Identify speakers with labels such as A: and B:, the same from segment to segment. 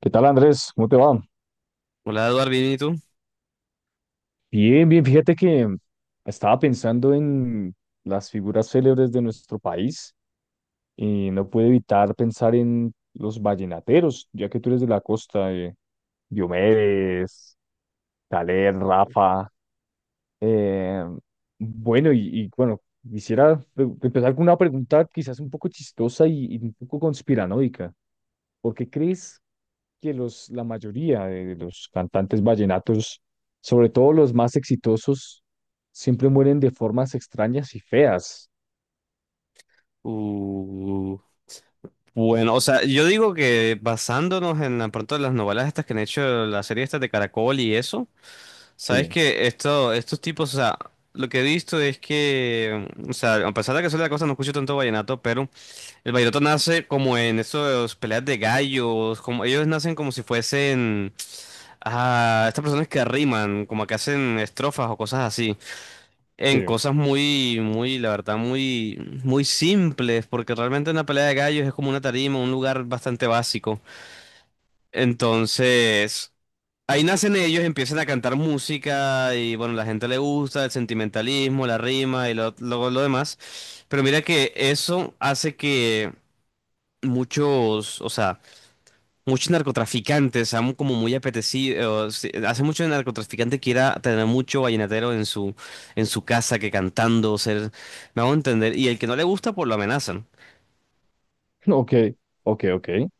A: ¿Qué tal, Andrés? ¿Cómo te va?
B: Hola, Eduardo, ¿bien y tú?
A: Bien, bien. Fíjate que estaba pensando en las figuras célebres de nuestro país y no pude evitar pensar en los vallenateros, ya que tú eres de la costa. Diomedes, Caler, Rafa. eh, bueno, y, bueno, quisiera empezar con una pregunta quizás un poco chistosa y, un poco conspiranoica. ¿Por qué crees que la mayoría de los cantantes vallenatos, sobre todo los más exitosos, siempre mueren de formas extrañas y feas?
B: Uh, bueno, o sea, yo digo que basándonos en pronto en las novelas estas que han hecho, la serie estas de Caracol y eso, sabes
A: Sí,
B: que esto, estos tipos, o sea, lo que he visto es que, o sea, a pesar de que soy de la costa, no escucho tanto vallenato, pero el vallenato nace como en esos peleas de gallos, como ellos nacen como si fuesen, ah, estas personas que riman, como que hacen estrofas o cosas así. En
A: sí.
B: cosas muy, muy, la verdad, muy, muy simples, porque realmente una pelea de gallos es como una tarima, un lugar bastante básico. Entonces, ahí nacen ellos, empiezan a cantar música y bueno, la gente le gusta, el sentimentalismo, la rima y lo demás. Pero mira que eso hace que muchos, o sea, muchos narcotraficantes, han como muy apetecidos. Hace mucho narcotraficante quiera tener mucho vallenatero en en su casa que cantando, ser, me hago entender. Y el que no le gusta, pues lo amenazan.
A: Ok, ok, ok.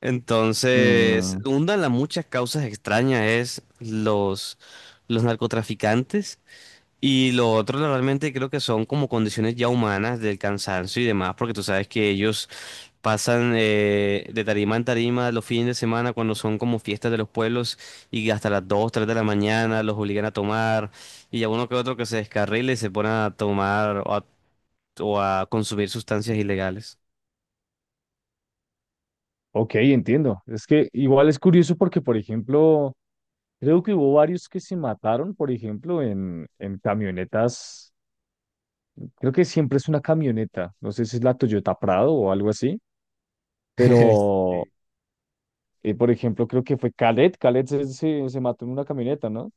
B: Entonces,
A: Mm,
B: una de las muchas causas extrañas es los narcotraficantes. Y lo otro realmente creo que son como condiciones ya humanas del cansancio y demás, porque tú sabes que ellos pasan de tarima en tarima los fines de semana cuando son como fiestas de los pueblos y hasta las 2 3 de la mañana los obligan a tomar y a uno que otro que se descarrile y se pone a tomar o a consumir sustancias ilegales.
A: ok, entiendo. Es que igual es curioso porque, por ejemplo, creo que hubo varios que se mataron, por ejemplo, en camionetas. Creo que siempre es una camioneta. No sé si es la Toyota Prado o algo así, pero,
B: Sí.
A: por ejemplo, creo que fue Khaled. Khaled se mató en una camioneta, ¿no?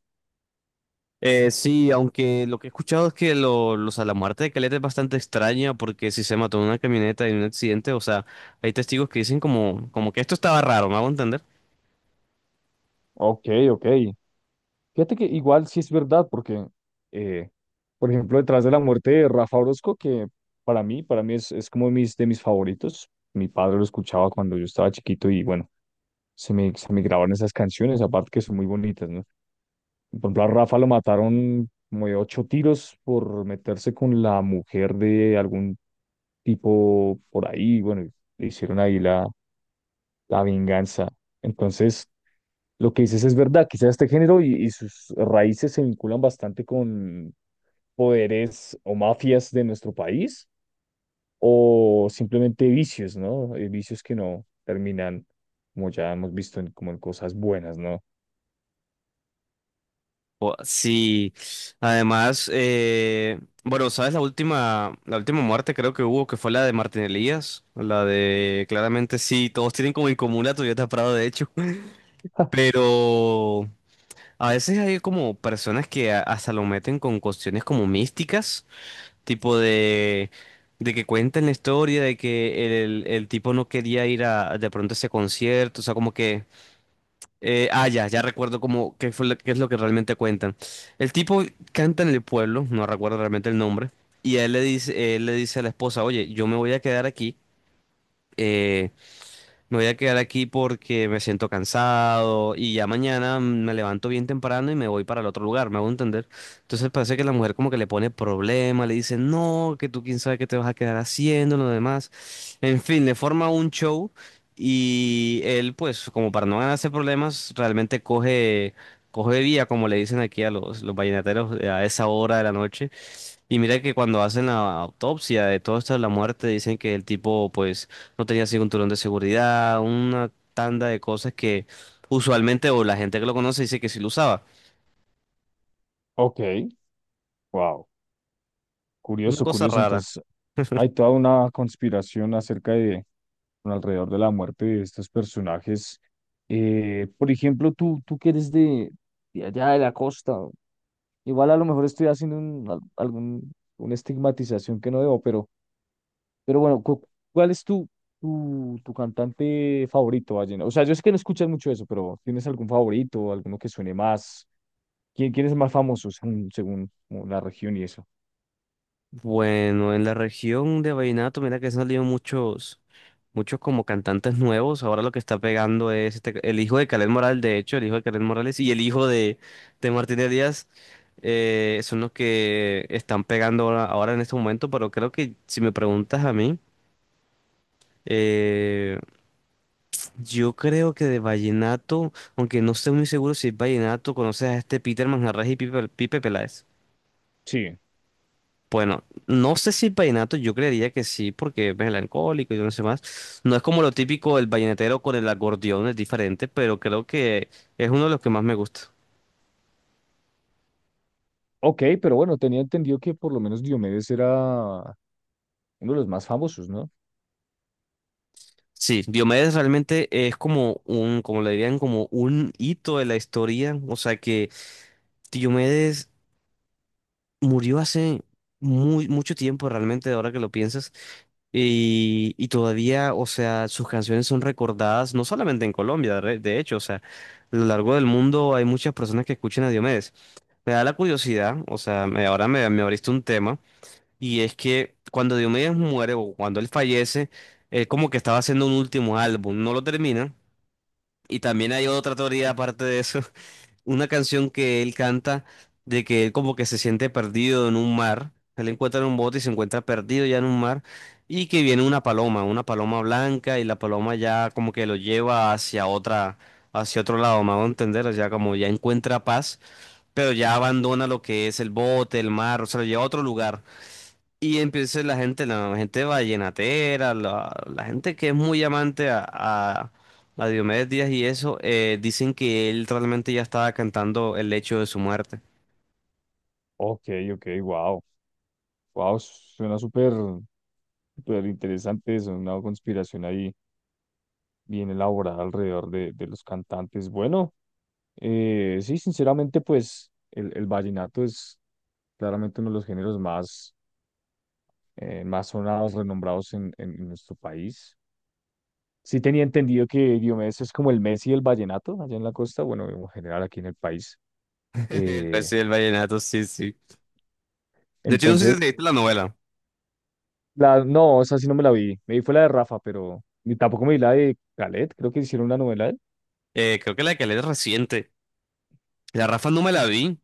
B: Sí, aunque lo que he escuchado es que los a la muerte de Caleta es bastante extraña porque si se mató en una camioneta en un accidente, o sea, hay testigos que dicen como, como que esto estaba raro, ¿me hago entender?
A: Ok, ok. Fíjate que igual sí es verdad, porque, eh, por ejemplo, detrás de la muerte de Rafa Orozco, que para mí es como de de mis favoritos. Mi padre lo escuchaba cuando yo estaba chiquito y bueno, se me grabaron esas canciones, aparte que son muy bonitas, ¿no? Por ejemplo, a Rafa lo mataron como de 8 tiros por meterse con la mujer de algún tipo por ahí, bueno, le hicieron ahí la venganza. Entonces, lo que dices es verdad, quizás este género y sus raíces se vinculan bastante con poderes o mafias de nuestro país o simplemente vicios, ¿no? Vicios que no terminan, como ya hemos visto, como en cosas buenas, ¿no?
B: Sí, además, bueno, ¿sabes la última muerte creo que hubo, que fue la de Martín Elías? La de, claramente sí, todos tienen como en común la Toyota Prado, de hecho,
A: Ja,
B: pero a veces hay como personas que hasta lo meten con cuestiones como místicas, tipo de que cuentan la historia, de que el tipo no quería ir a de pronto a ese concierto, o sea, como que... ya, ya recuerdo cómo, qué es lo que realmente cuentan. El tipo canta en el pueblo, no recuerdo realmente el nombre, y él le dice a la esposa, oye, yo me voy a quedar aquí, eh, me voy a quedar aquí porque me siento cansado y ya mañana me levanto bien temprano y me voy para el otro lugar, me hago entender. Entonces parece que la mujer como que le pone problema, le dice, no, que tú quién sabe qué te vas a quedar haciendo, lo demás. En fin, le forma un show y él pues como para no ganarse problemas, realmente coge vía, como le dicen aquí a los vallenateros a esa hora de la noche y mira que cuando hacen la autopsia de todo esto de la muerte, dicen que el tipo pues no tenía cinturón de seguridad, una tanda de cosas que usualmente o la gente que lo conoce dice que sí lo usaba.
A: ok, wow,
B: Una
A: curioso,
B: cosa
A: curioso.
B: rara.
A: Entonces, hay toda una conspiración acerca de, bueno, alrededor de la muerte de estos personajes. Por ejemplo, tú que eres de allá de la costa. Igual a lo mejor estoy haciendo una estigmatización que no debo, pero bueno, ¿cuál es tu cantante favorito, vallenato? O sea, yo sé que no escuchas mucho eso, pero ¿tienes algún favorito, alguno que suene más? Quién es el más famoso según, según como la región y eso?
B: Bueno, en la región de vallenato, mira que han salido muchos, muchos como cantantes nuevos. Ahora lo que está pegando es el hijo de Kaleth Morales, de hecho, el hijo de Kaleth Morales y el hijo de Martínez Díaz son los que están pegando ahora, ahora en este momento, pero creo que si me preguntas a mí... Eh, yo creo que de vallenato, aunque no estoy muy seguro si es vallenato, conoces a este Peter Manjarrés y Pipe, Pipe Peláez.
A: Sí.
B: Bueno, no sé si es vallenato, yo creería que sí, porque es melancólico y no sé más. No es como lo típico del vallenatero con el acordeón, es diferente, pero creo que es uno de los que más me gusta.
A: Ok, pero bueno, tenía entendido que por lo menos Diomedes era uno de los más famosos, ¿no?
B: Sí, Diomedes realmente es como un, como le dirían, como un hito de la historia. O sea que Diomedes murió hace muy, mucho tiempo realmente, ahora que lo piensas. Y todavía, o sea, sus canciones son recordadas no solamente en Colombia, de hecho, o sea, a lo largo del mundo hay muchas personas que escuchan a Diomedes. Me da la curiosidad, o sea, ahora me abriste un tema, y es que cuando Diomedes muere o cuando él fallece, él como que estaba haciendo un último álbum, no lo termina, y también hay otra teoría aparte de eso, una canción que él canta de que él como que se siente perdido en un mar. Él encuentra un bote y se encuentra perdido ya en un mar y que viene una paloma blanca y la paloma ya como que lo lleva hacia otra, hacia otro lado, me hago entender, o sea, como ya encuentra paz, pero ya abandona lo que es el bote, el mar, o sea, lo lleva a otro lugar. Y empieza la gente vallenatera, la gente que es muy amante a Diomedes Díaz y eso, dicen que él realmente ya estaba cantando el hecho de su muerte.
A: Ok, ok, wow. Wow, suena súper, súper interesante eso, una conspiración ahí, bien elaborada alrededor de los cantantes. Bueno, sí, sinceramente, pues el vallenato es claramente uno de los géneros más, más sonados, renombrados en nuestro país. Sí tenía entendido que Diomedes es como el Messi del vallenato allá en la costa, bueno, en general aquí en el país.
B: El
A: Eh,
B: precio del vallenato, sí, sí. De hecho, no sé si te
A: entonces,
B: viste la novela.
A: la, no, esa sí no me la vi. Me vi fue la de Rafa, pero ni tampoco me vi la de Calet, creo que hicieron una novela de él.
B: Creo que la que leí es reciente. La Rafa no me la vi,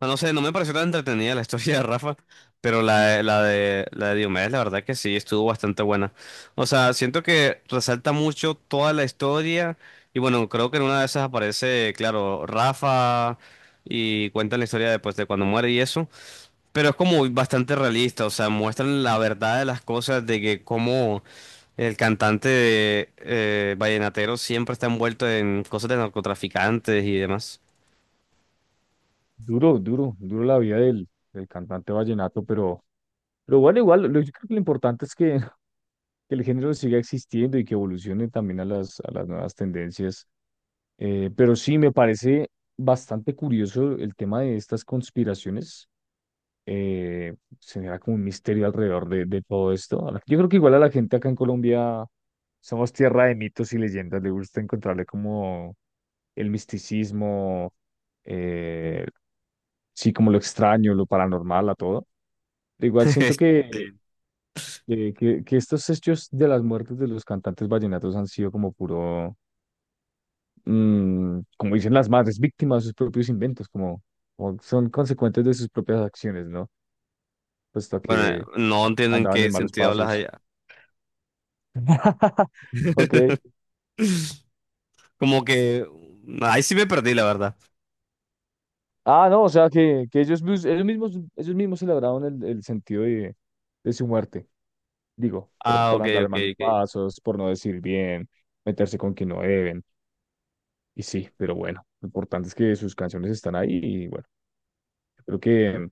B: no no sé, no me pareció tan entretenida la historia de Rafa, pero la de Diomedes, la verdad que sí, estuvo bastante buena. O sea, siento que resalta mucho toda la historia y bueno, creo que en una de esas aparece, claro, Rafa y cuentan la historia después de cuando muere y eso, pero es como bastante realista, o sea, muestran la verdad de las cosas, de que como el cantante vallenatero siempre está envuelto en cosas de narcotraficantes y demás.
A: Duro, duro, duro la vida del, del cantante vallenato, pero... Pero igual, igual, yo creo que lo importante es que, que el género siga existiendo y que evolucione también a a las nuevas tendencias. Pero sí, me parece bastante curioso el tema de estas conspiraciones. Se genera como un misterio alrededor de todo esto. Yo creo que igual a la gente acá en Colombia somos tierra de mitos y leyendas. Le gusta encontrarle como el misticismo, eh, sí, como lo extraño, lo paranormal a todo. Pero igual siento que
B: Sí.
A: que estos hechos de las muertes de los cantantes vallenatos han sido como puro, mm, como dicen las madres, víctimas de sus propios inventos, como, como son consecuentes de sus propias acciones, ¿no? Puesto
B: Bueno,
A: que
B: no entiendo en
A: andaban
B: qué
A: en malos
B: sentido hablas
A: pasos.
B: allá.
A: Ok.
B: Como que ahí sí me perdí, la verdad.
A: Ah, no, o sea que ellos, ellos mismos celebraron el sentido de su muerte, digo,
B: Ah,
A: por
B: ok,
A: andar en
B: ok,
A: malos
B: ok.
A: pasos, por no decir bien, meterse con quien no deben, y sí, pero bueno, lo importante es que sus canciones están ahí y bueno. Yo creo que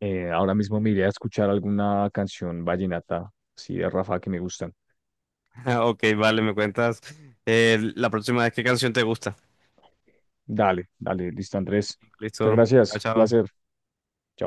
A: ahora mismo me iré a escuchar alguna canción vallenata, sí, de Rafa que me gustan.
B: Ok, vale, me cuentas la próxima vez qué canción te gusta.
A: Dale, dale, listo, Andrés. Muchas
B: Listo. Chao,
A: gracias, placer.
B: chao.
A: Chao.